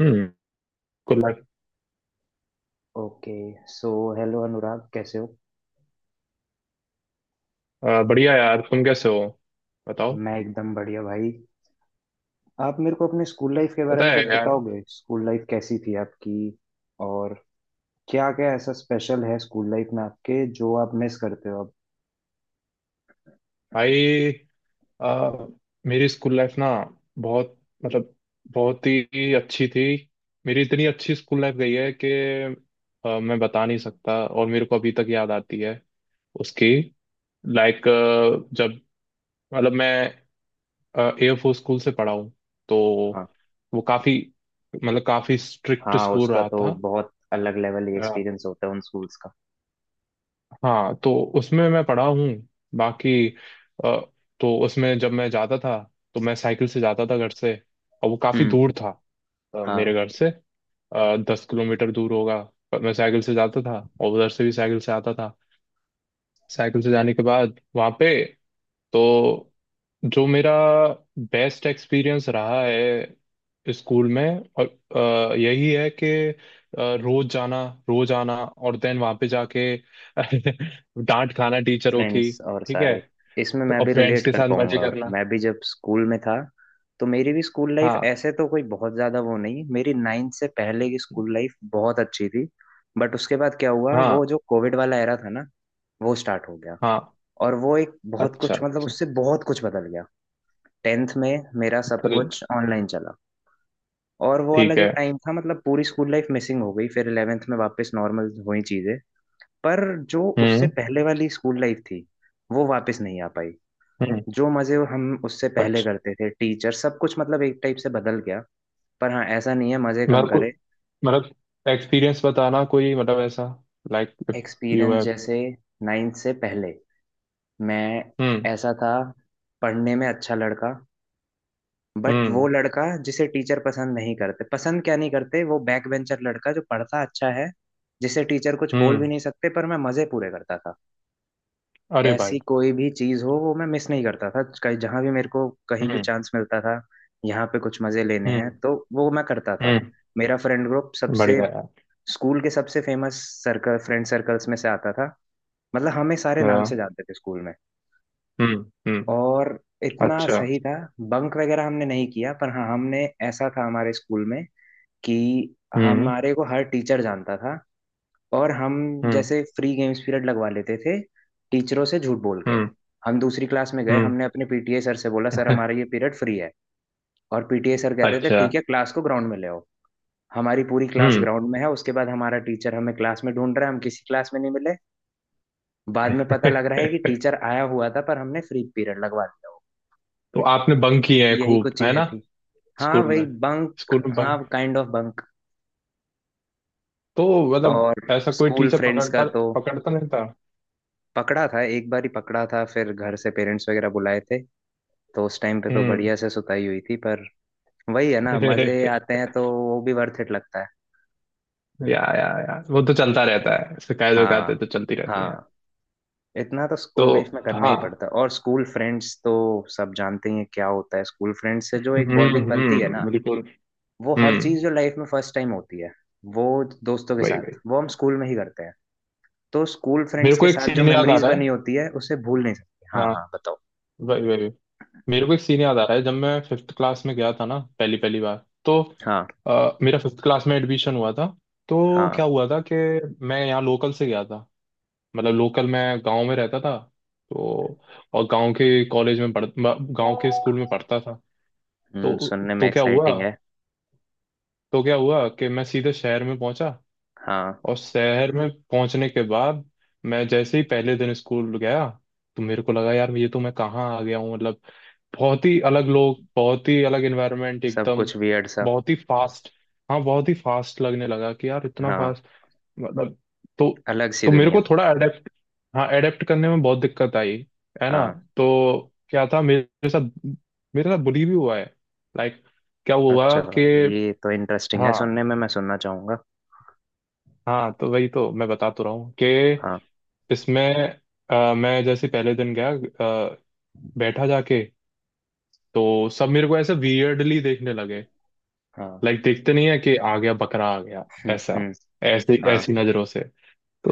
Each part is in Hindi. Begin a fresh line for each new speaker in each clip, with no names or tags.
हम्म। Good luck.
Okay. So hello Anurag, कैसे हो?
बढ़िया यार, तुम कैसे हो? बताओ।
मैं एकदम बढ़िया भाई। आप मेरे को अपने स्कूल लाइफ के बारे
पता
में
है
कुछ
यार।
बताओगे? स्कूल लाइफ कैसी थी आपकी? और क्या क्या ऐसा स्पेशल है स्कूल लाइफ में आपके जो आप मिस करते हो अब?
भाई, अ, मेरी स्कूल लाइफ ना, बहुत, मतलब, बहुत ही अच्छी थी। मेरी इतनी अच्छी स्कूल लाइफ गई है कि मैं बता नहीं सकता, और मेरे को अभी तक याद आती है उसकी। लाइक, जब, मतलब, मैं एयरफोर्स स्कूल से पढ़ा हूँ। तो
हाँ
वो काफ़ी, मतलब काफ़ी स्ट्रिक्ट
हाँ,
स्कूल
उसका
रहा
तो बहुत अलग लेवल
था।
एक्सपीरियंस होता है उन स्कूल्स का।
हाँ, तो उसमें मैं पढ़ा हूँ, बाकी अ, तो उसमें जब मैं जाता था तो मैं साइकिल से जाता था घर से। और वो काफ़ी
हम्म।
दूर था मेरे
हाँ,
घर से। 10 किलोमीटर दूर होगा। पर मैं साइकिल से जाता था और उधर से भी साइकिल से आता था। साइकिल से जाने के बाद वहाँ पे, तो जो मेरा बेस्ट एक्सपीरियंस रहा है स्कूल में और यही है कि रोज जाना, रोज आना और देन वहां पे जाके डांट खाना टीचरों की।
फ्रेंड्स और
ठीक है।
सारे, इसमें
तो
मैं
और
भी
फ्रेंड्स
रिलेट
के
कर
साथ मजे
पाऊंगा।
करना।
मैं भी जब स्कूल में था, तो मेरी भी स्कूल लाइफ
हाँ,
ऐसे तो कोई बहुत ज़्यादा वो नहीं। मेरी नाइन्थ से पहले की स्कूल लाइफ बहुत अच्छी थी। बट उसके बाद क्या हुआ,
हाँ,
वो जो कोविड वाला एरा था ना, वो स्टार्ट हो गया।
हाँ।
और वो एक बहुत
अच्छा,
कुछ, मतलब
अच्छा।
उससे बहुत कुछ बदल गया। टेंथ में मेरा सब
चल
कुछ ऑनलाइन चला, और वो वाला
ठीक
जो
है।
टाइम था, मतलब पूरी स्कूल लाइफ मिसिंग हो गई। फिर इलेवेंथ में वापस नॉर्मल हुई चीज़ें। पर जो उससे
हम्म।
पहले वाली स्कूल लाइफ थी, वो वापस नहीं आ पाई।
हम्म।
जो मजे हम उससे पहले
अच्छा,
करते थे, टीचर, सब कुछ मतलब एक टाइप से बदल गया। पर हाँ, ऐसा नहीं है मजे कम
मेरे को,
करे।
मतलब एक्सपीरियंस बताना कोई, मतलब ऐसा, like if you
experience
have.
जैसे, नाइन्थ से पहले मैं
हम्म।
ऐसा था, पढ़ने में अच्छा लड़का, बट वो
हम्म।
लड़का जिसे टीचर पसंद नहीं करते, पसंद क्या नहीं करते, वो बैक बेंचर लड़का जो पढ़ता अच्छा है, जिसे टीचर कुछ बोल भी
हम्म।
नहीं सकते, पर मैं मजे पूरे करता था।
अरे भाई।
ऐसी कोई भी चीज हो, वो मैं मिस नहीं करता था। कहीं जहां भी मेरे को कहीं भी
हम्म।
चांस मिलता था, यहाँ पे कुछ मजे लेने हैं,
हम्म।
तो वो मैं करता था।
हम्म।
मेरा फ्रेंड ग्रुप सबसे,
बढ़िया है।
स्कूल के सबसे फेमस सर्कल, फ्रेंड सर्कल्स में से आता था। मतलब हमें सारे नाम
हाँ।
से जानते थे स्कूल में।
हम्म। हम्म।
और इतना
अच्छा।
सही था, बंक वगैरह हमने नहीं किया। पर हाँ, हमने ऐसा था हमारे स्कूल में कि
हम्म।
हमारे को हर टीचर जानता था। और हम
हम्म।
जैसे फ्री गेम्स पीरियड लगवा लेते थे टीचरों से झूठ बोल के।
हम्म।
हम दूसरी क्लास में गए,
हम्म।
हमने अपने पीटीए सर से बोला, सर हमारा ये पीरियड फ्री है। और पीटीए सर कहते थे,
अच्छा।
ठीक है क्लास को ग्राउंड में ले आओ। हमारी पूरी क्लास
हम्म।
ग्राउंड में है। उसके बाद हमारा टीचर हमें क्लास में ढूंढ रहा है, हम किसी क्लास में नहीं मिले। बाद में पता लग रहा है कि टीचर आया हुआ था, पर हमने फ्री पीरियड लगवा दिया हो।
तो आपने बंक किए
तो
हैं
यही
खूब,
कुछ
है
चीजें
ना?
थी। हाँ
स्कूल
वही
में,
बंक,
स्कूल में
हाँ
बंक,
काइंड ऑफ बंक।
तो मतलब
और
ऐसा कोई
स्कूल
टीचर
फ्रेंड्स का
पकड़ता,
तो,
पकड़ता नहीं था?
पकड़ा था, एक बार ही पकड़ा था। फिर घर से पेरेंट्स वगैरह बुलाए थे। तो उस टाइम पे तो
हम्म।
बढ़िया से सुताई हुई थी, पर वही है ना, मजे आते हैं तो वो भी वर्थ इट लगता है।
या, वो तो चलता रहता है। शिकायत विकायतें
हाँ
तो चलती रहती हैं।
हाँ, इतना तो
तो
स्कूल लाइफ में करना ही
हाँ।
पड़ता है। और स्कूल फ्रेंड्स तो सब जानते ही हैं क्या होता है। स्कूल फ्रेंड्स से जो एक
हम्म।
बॉन्डिंग बनती है ना,
हम्म, बिल्कुल।
वो हर
हम्म।
चीज जो लाइफ में फर्स्ट टाइम होती है, वो दोस्तों के
वही
साथ,
वही।
वो हम स्कूल में ही करते हैं। तो स्कूल
मेरे
फ्रेंड्स
को
के
एक
साथ जो
सीन याद आ
मेमोरीज
रहा है।
बनी होती है, उसे भूल नहीं सकते। हाँ
हाँ,
हाँ, बताओ।
वही वही। मेरे को एक सीन याद आ रहा है, जब मैं फिफ्थ क्लास में गया था ना पहली पहली बार। तो
हाँ
मेरा फिफ्थ क्लास में एडमिशन हुआ था। तो
हाँ।
क्या हुआ था कि मैं यहाँ लोकल से गया था, मतलब लोकल मैं गांव में रहता था तो, और गांव के कॉलेज में पढ़, गांव के स्कूल में पढ़ता था। तो
सुनने में
तो क्या हुआ,
एक्साइटिंग है।
तो क्या हुआ कि मैं सीधे शहर में पहुंचा।
हाँ,
और शहर में पहुंचने के बाद मैं जैसे ही पहले दिन स्कूल गया तो मेरे को लगा यार, ये तो मैं कहाँ आ गया हूँ? मतलब बहुत ही अलग लोग, बहुत ही अलग एनवायरनमेंट,
सब
एकदम
कुछ वियर्ड सा।
बहुत ही फास्ट। हाँ, बहुत ही फास्ट लगने लगा कि यार, इतना
हाँ,
फास्ट, मतलब। तो
अलग सी
तो मेरे को
दुनिया।
थोड़ा अडेप्ट, हाँ अडेप्ट करने में बहुत दिक्कत आई, है ना।
हाँ
तो क्या था मेरे साथ, मेरे साथ बुली भी हुआ है। लाइक, क्या हुआ
अच्छा,
कि,
हाँ ये तो इंटरेस्टिंग है
हाँ,
सुनने में, मैं सुनना चाहूंगा।
हाँ तो वही तो मैं बता तो रहा हूँ कि
हाँ।
इसमें मैं जैसे पहले दिन गया, बैठा जाके, तो सब मेरे को ऐसे वियर्डली देखने लगे।
हाँ।
लाइक, देखते नहीं है कि आ गया बकरा, आ गया ऐसा,
हम्म।
ऐसे,
हाँ।
ऐसी नजरों से।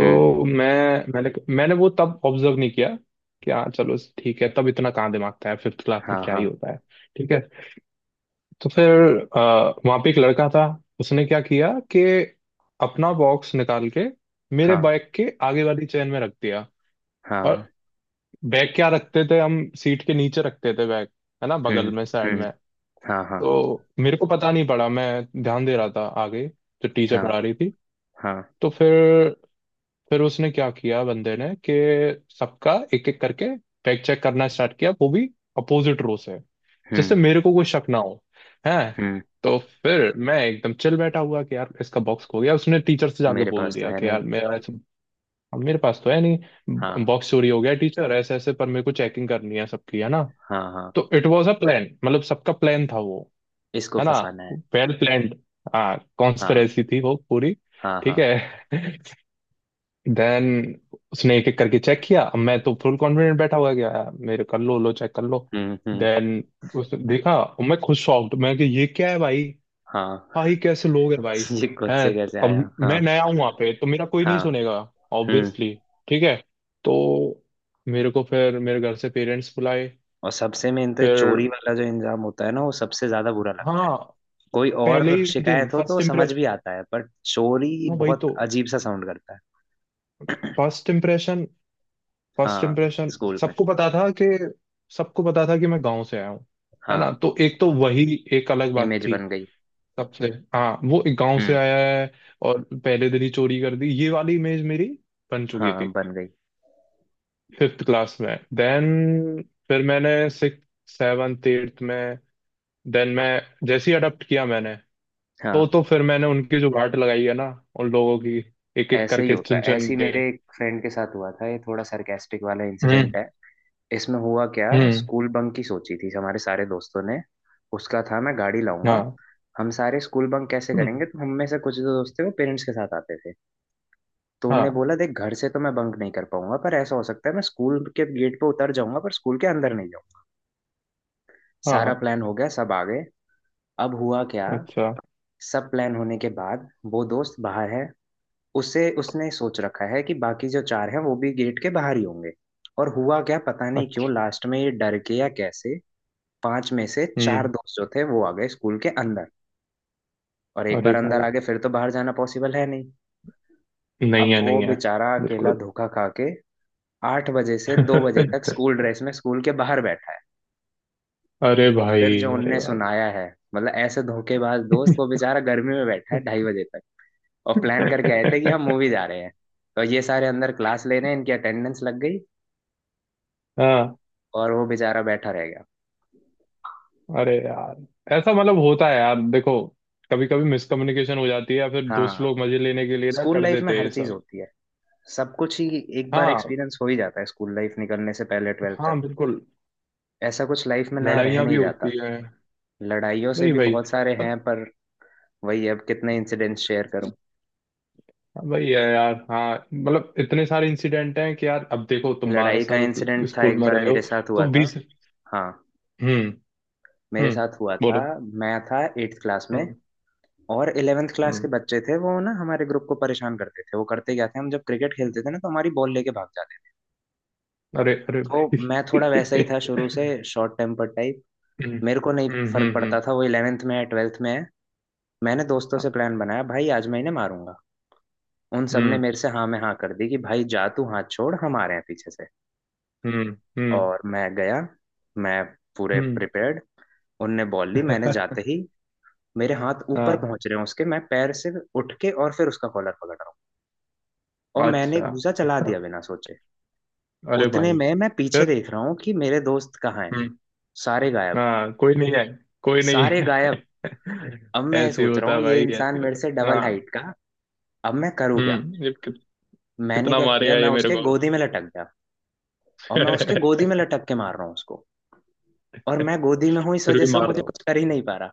हम्म।
मैंने वो तब ऑब्जर्व नहीं किया कि हाँ चलो, ठीक है, तब इतना कहाँ दिमाग था, फिफ्थ क्लास में
हाँ
क्या ही
हाँ।
होता है। ठीक है। तो फिर वहां पे एक लड़का था, उसने क्या किया कि अपना बॉक्स निकाल के मेरे
हाँ।
बैग के आगे वाली चेन में रख दिया। और
हाँ।
बैग क्या रखते थे हम, सीट के नीचे रखते थे बैग, है ना, बगल
हम्म
में, साइड
हम्म।
में।
हाँ हाँ।
तो मेरे को पता नहीं पड़ा, मैं ध्यान दे रहा था आगे, जो टीचर
हाँ।
पढ़ा रही थी।
हाँ।
तो फिर उसने क्या किया बंदे ने कि सबका एक एक करके फैक्ट चेक करना स्टार्ट किया, वो भी अपोजिट रो से, जिससे
हम्म
मेरे को कोई शक ना हो। है।
हम्म।
तो फिर मैं एकदम चिल बैठा हुआ कि यार इसका बॉक्स खो गया, उसने टीचर से जाके
मेरे
बोल
पास तो
दिया
है
कि
नहीं।
यार मेरा ऐसे- अब मेरे पास तो है नहीं,
हाँ
बॉक्स चोरी हो गया टीचर ऐसे ऐसे, पर मेरे को चेकिंग करनी है सबकी, है ना।
हाँ हाँ।
तो इट वाज अ प्लान, मतलब सबका प्लान था वो।
इसको
है ना,
फंसाना है।
Well planned. हाँ,
हाँ
कॉन्स्पिरेसी थी वो पूरी।
हाँ
ठीक
हाँ।
है। देन उसने एक एक करके चेक किया। अब मैं तो फुल कॉन्फिडेंट बैठा हुआ गया, यार मेरे कर लो, लो चेक कर लो।
हम्म।
देन उसने देखा और मैं खुद शॉक्ड, मैं कि ये क्या है भाई,
हाँ।
भाई कैसे लोग हैं भाई।
ये खुद
हैं,
से कैसे
तो अब
आया?
मैं
हाँ।
नया हूँ वहां पे तो मेरा कोई नहीं
हाँ।
सुनेगा,
हम्म।
ऑब्वियसली। ठीक है। तो मेरे को फिर, मेरे घर से पेरेंट्स बुलाए।
और सबसे मेन तो चोरी
फिर,
वाला जो इंजाम होता है ना, वो सबसे ज्यादा बुरा लगता
हाँ,
है। कोई
पहले
और
ही दिन
शिकायत हो तो
फर्स्ट
समझ
इम्प्रेस,
भी आता है, पर चोरी
हाँ वही
बहुत
तो,
अजीब सा साउंड करता है।
फर्स्ट इम्प्रेशन, फर्स्ट
हाँ।
इम्प्रेशन।
स्कूल में।
सबको पता था कि, सबको पता था कि मैं गांव से आया हूँ, है ना,
हाँ,
तो एक तो वही, एक अलग बात
इमेज
थी
बन गई।
सबसे। हाँ, वो एक गांव से
हम्म।
आया है, और पहले दिन ही चोरी कर दी, ये वाली इमेज मेरी बन चुकी
हाँ
थी।
बन गई।
फिफ्थ क्लास में देन, फिर मैंने सिक्स, सेवन्थ, एट्थ में, देन मैं जैसे ही अडॉप्ट किया मैंने,
हाँ,
तो फिर मैंने उनकी जो वाट लगाई है ना, उन लोगों की, एक एक
ऐसे ही
करके
होता
चुन
है।
चुन
ऐसे ही
के।
मेरे एक फ्रेंड के साथ हुआ था। ये थोड़ा सरकास्टिक वाला
हम्म।
इंसिडेंट है। इसमें हुआ क्या,
हम्म।
स्कूल बंक की सोची थी हमारे सारे दोस्तों ने। उसका था, मैं गाड़ी लाऊंगा।
हाँ।
हम सारे स्कूल बंक कैसे
हम्म।
करेंगे, तो हम में से कुछ जो दोस्त थे वो पेरेंट्स के साथ आते थे। तो उनने
हाँ,
बोला, देख घर से तो मैं बंक नहीं कर पाऊंगा, पर ऐसा हो सकता है मैं स्कूल के गेट पे उतर जाऊंगा, पर स्कूल के अंदर नहीं जाऊंगा। सारा
हाँ।
प्लान हो गया, सब आ गए। अब हुआ क्या,
अच्छा।
सब प्लान होने के बाद, वो दोस्त बाहर है। उसे, उसने सोच रखा है कि बाकी जो चार हैं वो भी गेट के बाहर ही होंगे। और हुआ क्या, पता नहीं क्यों लास्ट में ये डर के या कैसे, पांच में से चार
हम्म।
दोस्त जो थे वो आ गए स्कूल के अंदर। और एक
अरे
बार अंदर
भाई।
आ गए फिर तो बाहर जाना पॉसिबल है नहीं।
नहीं
अब
है,
वो
नहीं है।
बेचारा अकेला
बिल्कुल।
धोखा खा के आठ बजे से दो बजे तक स्कूल ड्रेस में स्कूल के बाहर बैठा है।
अरे
और फिर जो
भाई। अरे
उनने
भाई।
सुनाया है, मतलब ऐसे धोखेबाज दोस्त। वो बेचारा गर्मी में बैठा है ढाई बजे तक। और प्लान करके आए थे कि हम मूवी जा रहे हैं। तो ये सारे अंदर क्लास ले रहे हैं, इनकी अटेंडेंस लग गई,
हाँ।
और वो बेचारा बैठा रह गया।
अरे यार, ऐसा मतलब होता है यार देखो, कभी कभी मिसकम्युनिकेशन हो जाती है, या फिर दोस्त
हाँ,
लोग मजे लेने के लिए ना
स्कूल
कर
लाइफ में
देते हैं
हर
ये
चीज
सब।
होती है। सब कुछ ही एक बार
हाँ,
एक्सपीरियंस हो ही जाता है स्कूल लाइफ निकलने से पहले, ट्वेल्थ तक।
हाँ, बिल्कुल।
ऐसा कुछ लाइफ में नया रह
लड़ाइयाँ भी
नहीं जाता।
होती हैं।
लड़ाइयों से
वही
भी
वही,
बहुत सारे हैं,
पत-
पर वही, अब कितने इंसिडेंट्स शेयर करूं।
वही है यार। हाँ, मतलब इतने सारे इंसिडेंट हैं कि यार, अब देखो, तुम बारह
लड़ाई का
साल
इंसिडेंट था,
स्कूल
एक
में
बार
रहे हो,
मेरे साथ
तो
हुआ था।
बीस।
हाँ,
हम्म।
मेरे
हम्म।
साथ हुआ था।
बोलो।
मैं था एट्थ क्लास में,
हम्म।
और इलेवेंथ क्लास के
हम्म।
बच्चे थे वो ना, हमारे ग्रुप को परेशान करते थे। वो करते क्या थे, हम जब क्रिकेट खेलते थे ना, तो हमारी बॉल लेके भाग जाते।
अरे, अरे
तो
भाई।
मैं थोड़ा वैसा ही था शुरू से, शॉर्ट टेम्पर टाइप।
हम्म।
मेरे को नहीं
हम्म।
फर्क
हम्म।
पड़ता था वो इलेवेंथ में है, ट्वेल्थ में है। मैंने दोस्तों से प्लान बनाया, भाई आज मैं इन्हें मारूंगा। उन सब ने
हम्म।
मेरे से हाँ में हाँ कर दी कि भाई जा, तू हाथ छोड़, हम आ रहे हैं पीछे से।
हम्म। हम्म।
और मैं गया, मैं पूरे
हम्म,
प्रिपेयर्ड। उनने बॉल ली, मैंने जाते ही, मेरे हाथ ऊपर
हाँ।
पहुंच रहे हैं उसके, मैं पैर से उठ के, और फिर उसका कॉलर पकड़ रहा हूँ, और मैंने
अच्छा।
घूंसा चला दिया बिना सोचे।
अरे
उतने
भाई,
में मैं पीछे
फिर।
देख रहा हूँ कि मेरे दोस्त कहाँ हैं।
हम्म।
सारे गायब।
हाँ, कोई नहीं है, कोई नहीं
सारे
है।
गायब। अब मैं
ऐसे ही
सोच रहा
होता
हूँ
है
ये
भाई,
इंसान
ऐसे ही
मेरे
होता
से
है।
डबल
हाँ।
हाइट का, अब मैं करूँ क्या।
हम्म, ये कि,
मैंने
कितना
क्या किया,
मारेगा
मैं
ये मेरे
उसके
को?
गोदी में लटक गया। और मैं उसके गोदी में लटक के मार रहा हूँ उसको। और मैं गोदी में हूँ इस
फिर
वजह
भी
से वो
मार
मुझे
रहा हूँ।
कुछ कर ही नहीं पा रहा।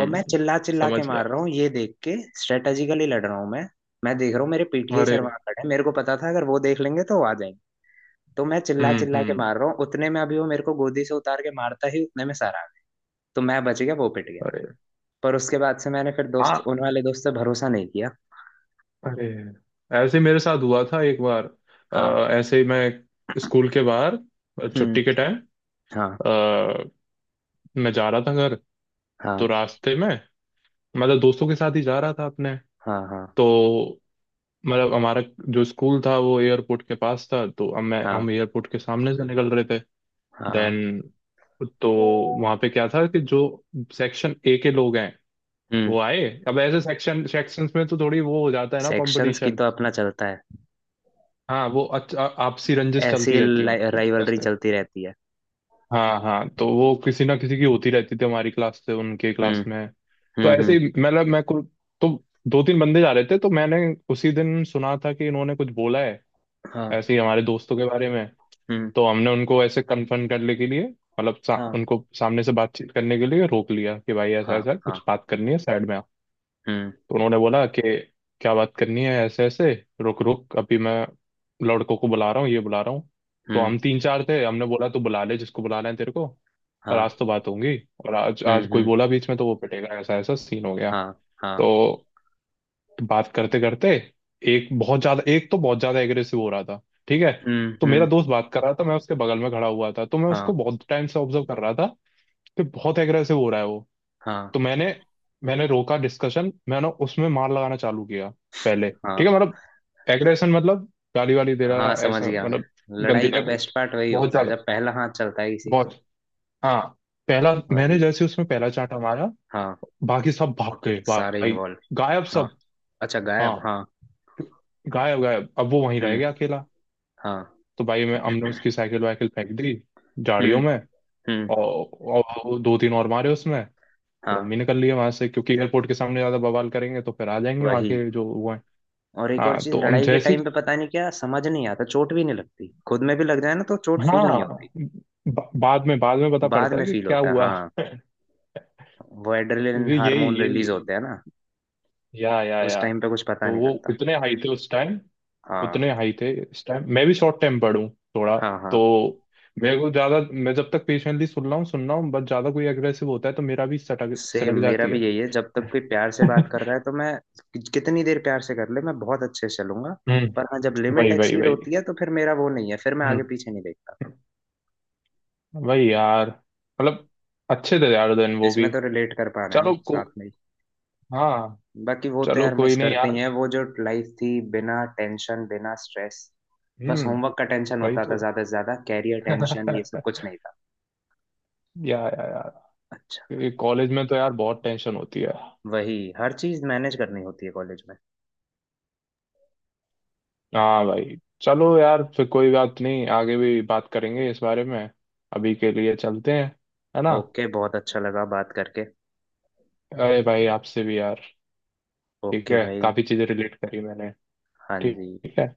और मैं चिल्ला चिल्ला के
समझ गया।
मार रहा हूँ ये देख के, स्ट्रेटेजिकली लड़ रहा हूँ मैं। मैं देख रहा हूँ मेरे पीटीआई
अरे।
सर वहां खड़े हैं, मेरे को पता था अगर वो देख लेंगे तो वो आ जाएंगे। तो मैं चिल्ला
हम्म।
चिल्ला के
हम्म।
मार रहा हूँ। उतने में अभी वो मेरे को गोदी से उतार के मारता ही, उतने में सर आ गया। तो मैं बच गया, वो पिट गया।
अरे।
पर उसके बाद से मैंने फिर
हाँ,
दोस्त, उन वाले दोस्त से भरोसा नहीं किया।
अरे, ऐसे ही मेरे साथ हुआ था एक बार।
हाँ।
ऐसे ही मैं स्कूल के बाहर,
हम्म।
छुट्टी के टाइम,
हाँ।
अ, मैं जा रहा था घर। तो
हाँ
रास्ते में, मतलब दोस्तों के साथ ही जा रहा था अपने।
हाँ। हाँ
तो, मतलब हमारा जो स्कूल था वो एयरपोर्ट के पास था, तो अब मैं,
हाँ।
हम एयरपोर्ट के सामने से निकल रहे थे।
हाँ।
देन, तो वहाँ पे क्या था कि जो सेक्शन ए के लोग हैं,
हम्म।
वो आए। अब ऐसे सेक्शन सेक्शंस में तो थोड़ी वो हो जाता है ना,
सेक्शंस की
कंपटीशन।
तो अपना चलता है।
हाँ, वो अच्छा, आपसी रंजिश
ऐसी
चलती रहती है उनकी, तो
राइवलरी
ऐसे।
चलती रहती है।
हाँ, हाँ, तो वो किसी ना किसी की होती रहती थी हमारी क्लास से उनके
हम्म
क्लास में। तो
हम्म। हम्म।
ऐसे ही, मतलब, मैं कुछ, तो दो तीन बंदे जा रहे थे, तो मैंने, उसी दिन सुना था कि इन्होंने कुछ बोला है,
हाँ।
ऐसे ही हमारे दोस्तों के बारे में।
हम्म।
तो हमने उनको ऐसे कन्फर्म करने के लिए, मतलब
हाँ
उनको सामने से बातचीत करने के लिए रोक लिया कि भाई ऐसा
हाँ।
ऐसा
हाँ।
कुछ बात करनी है, साइड में आप।
हम्म
तो उन्होंने बोला कि क्या बात करनी है, ऐसे ऐसे, रुक रुक, अभी मैं लड़कों को बुला रहा हूँ, ये बुला रहा हूँ। तो
हम्म।
हम तीन चार थे, हमने बोला तो बुला ले, जिसको बुलाना है तेरे को। पर
हाँ।
आज तो बात होंगी, और आज, आज कोई
हम्म।
बोला बीच में तो वो पिटेगा, ऐसा ऐसा सीन हो गया।
हाँ हाँ।
तो बात करते करते, एक बहुत ज्यादा, एक तो बहुत ज्यादा एग्रेसिव हो रहा था। ठीक है। तो मेरा
हम्म।
दोस्त बात कर रहा था, मैं उसके बगल में खड़ा हुआ था, तो मैं
हाँ
उसको बहुत टाइम से ऑब्जर्व कर रहा था कि बहुत एग्रेसिव हो रहा है वो।
हाँ।
तो मैंने मैंने रोका डिस्कशन, मैंने उसमें मार लगाना चालू किया। पहले ठीक
हाँ
है, मतलब एग्रेशन, मतलब गाली वाली दे रहा,
हाँ, समझ
ऐसा
गया मैं।
मतलब गंदी
लड़ाई का
लैंग्वेज,
बेस्ट पार्ट वही
बहुत
होता है
ज्यादा,
जब पहला हाथ चलता है किसी का।
बहुत। हाँ, पहला मैंने
वही।
जैसे उसमें पहला चांटा मारा,
हाँ।
बाकी सब भाग गए
सारे
भाई,
इन्वॉल्व।
गायब
हाँ,
सब।
अच्छा
हाँ,
गायब। हाँ।
गायब गायब, अब वो वहीं रह
हम्म।
गया अकेला।
हाँ।
तो भाई मैं, हमने उसकी साइकिल वाइकिल फेंक दी झाड़ियों
हम्म
में,
हम्म।
और दो तीन और मारे उसमें। फिर अम्मी
हाँ
ने कर लिया वहां से, क्योंकि एयरपोर्ट के सामने ज्यादा बवाल करेंगे तो फिर आ जाएंगे वहां
वही।
के जो वो है।
और एक और
हाँ,
चीज,
तो हम
लड़ाई के
जैसी,
टाइम पे पता नहीं क्या, समझ नहीं आता, चोट भी नहीं लगती। खुद में भी लग जाए ना, तो चोट फील नहीं होती।
हाँ, बाद में, बाद में पता
बाद
पड़ता
में
है कि
फील
क्या
होता है,
हुआ।
हाँ। वो एड्रेनलिन
भी यही
हार्मोन
यही,
रिलीज होते हैं ना,
या या
उस
या
टाइम पे कुछ पता
तो
नहीं
वो
लगता।
इतने हाई थे उस टाइम,
हाँ
उतने हाई थे इस टाइम। मैं भी शॉर्ट टेम्पर्ड हूँ थोड़ा।
हाँ। हाँ।
तो मेरे को ज्यादा, मैं जब तक पेशेंटली सुन रहा हूँ, सुन रहा हूँ बस, ज्यादा कोई एग्रेसिव होता है तो मेरा भी सटक,
सेम
सनक
मेरा
जाती
भी यही
है।
है, जब तक कोई प्यार से बात कर रहा है तो मैं, कितनी देर प्यार से कर ले, मैं बहुत अच्छे से चलूंगा। पर
हम्म।
हाँ, जब लिमिट
वही वही
एक्सीड
वही।
होती है, तो फिर मेरा वो नहीं है, फिर मैं आगे
हम्म।
पीछे नहीं देखता।
भाई यार, मतलब अच्छे थे यार दिन वो
इसमें
भी,
तो रिलेट कर पा रहे हैं
चलो
हम
को,
साथ में ही।
हाँ,
बाकी वो तो
चलो
यार मिस
कोई नहीं
करते ही
यार।
हैं, वो जो लाइफ थी बिना टेंशन बिना स्ट्रेस। बस
हम्म,
होमवर्क का टेंशन
वही
होता था
तो।
ज्यादा से ज्यादा, कैरियर टेंशन ये सब कुछ नहीं था।
या, यार,
अच्छा।
कॉलेज में तो यार बहुत टेंशन होती है।
वही, हर चीज मैनेज करनी होती है कॉलेज में।
हाँ भाई, चलो यार फिर, कोई बात नहीं, आगे भी बात करेंगे इस बारे में। अभी के लिए चलते हैं, है ना।
ओके, बहुत अच्छा लगा बात करके।
अरे भाई, आपसे भी यार, ठीक
ओके
है,
भाई।
काफी चीजें रिलेट करी मैंने।
हाँ जी।
ठीक है।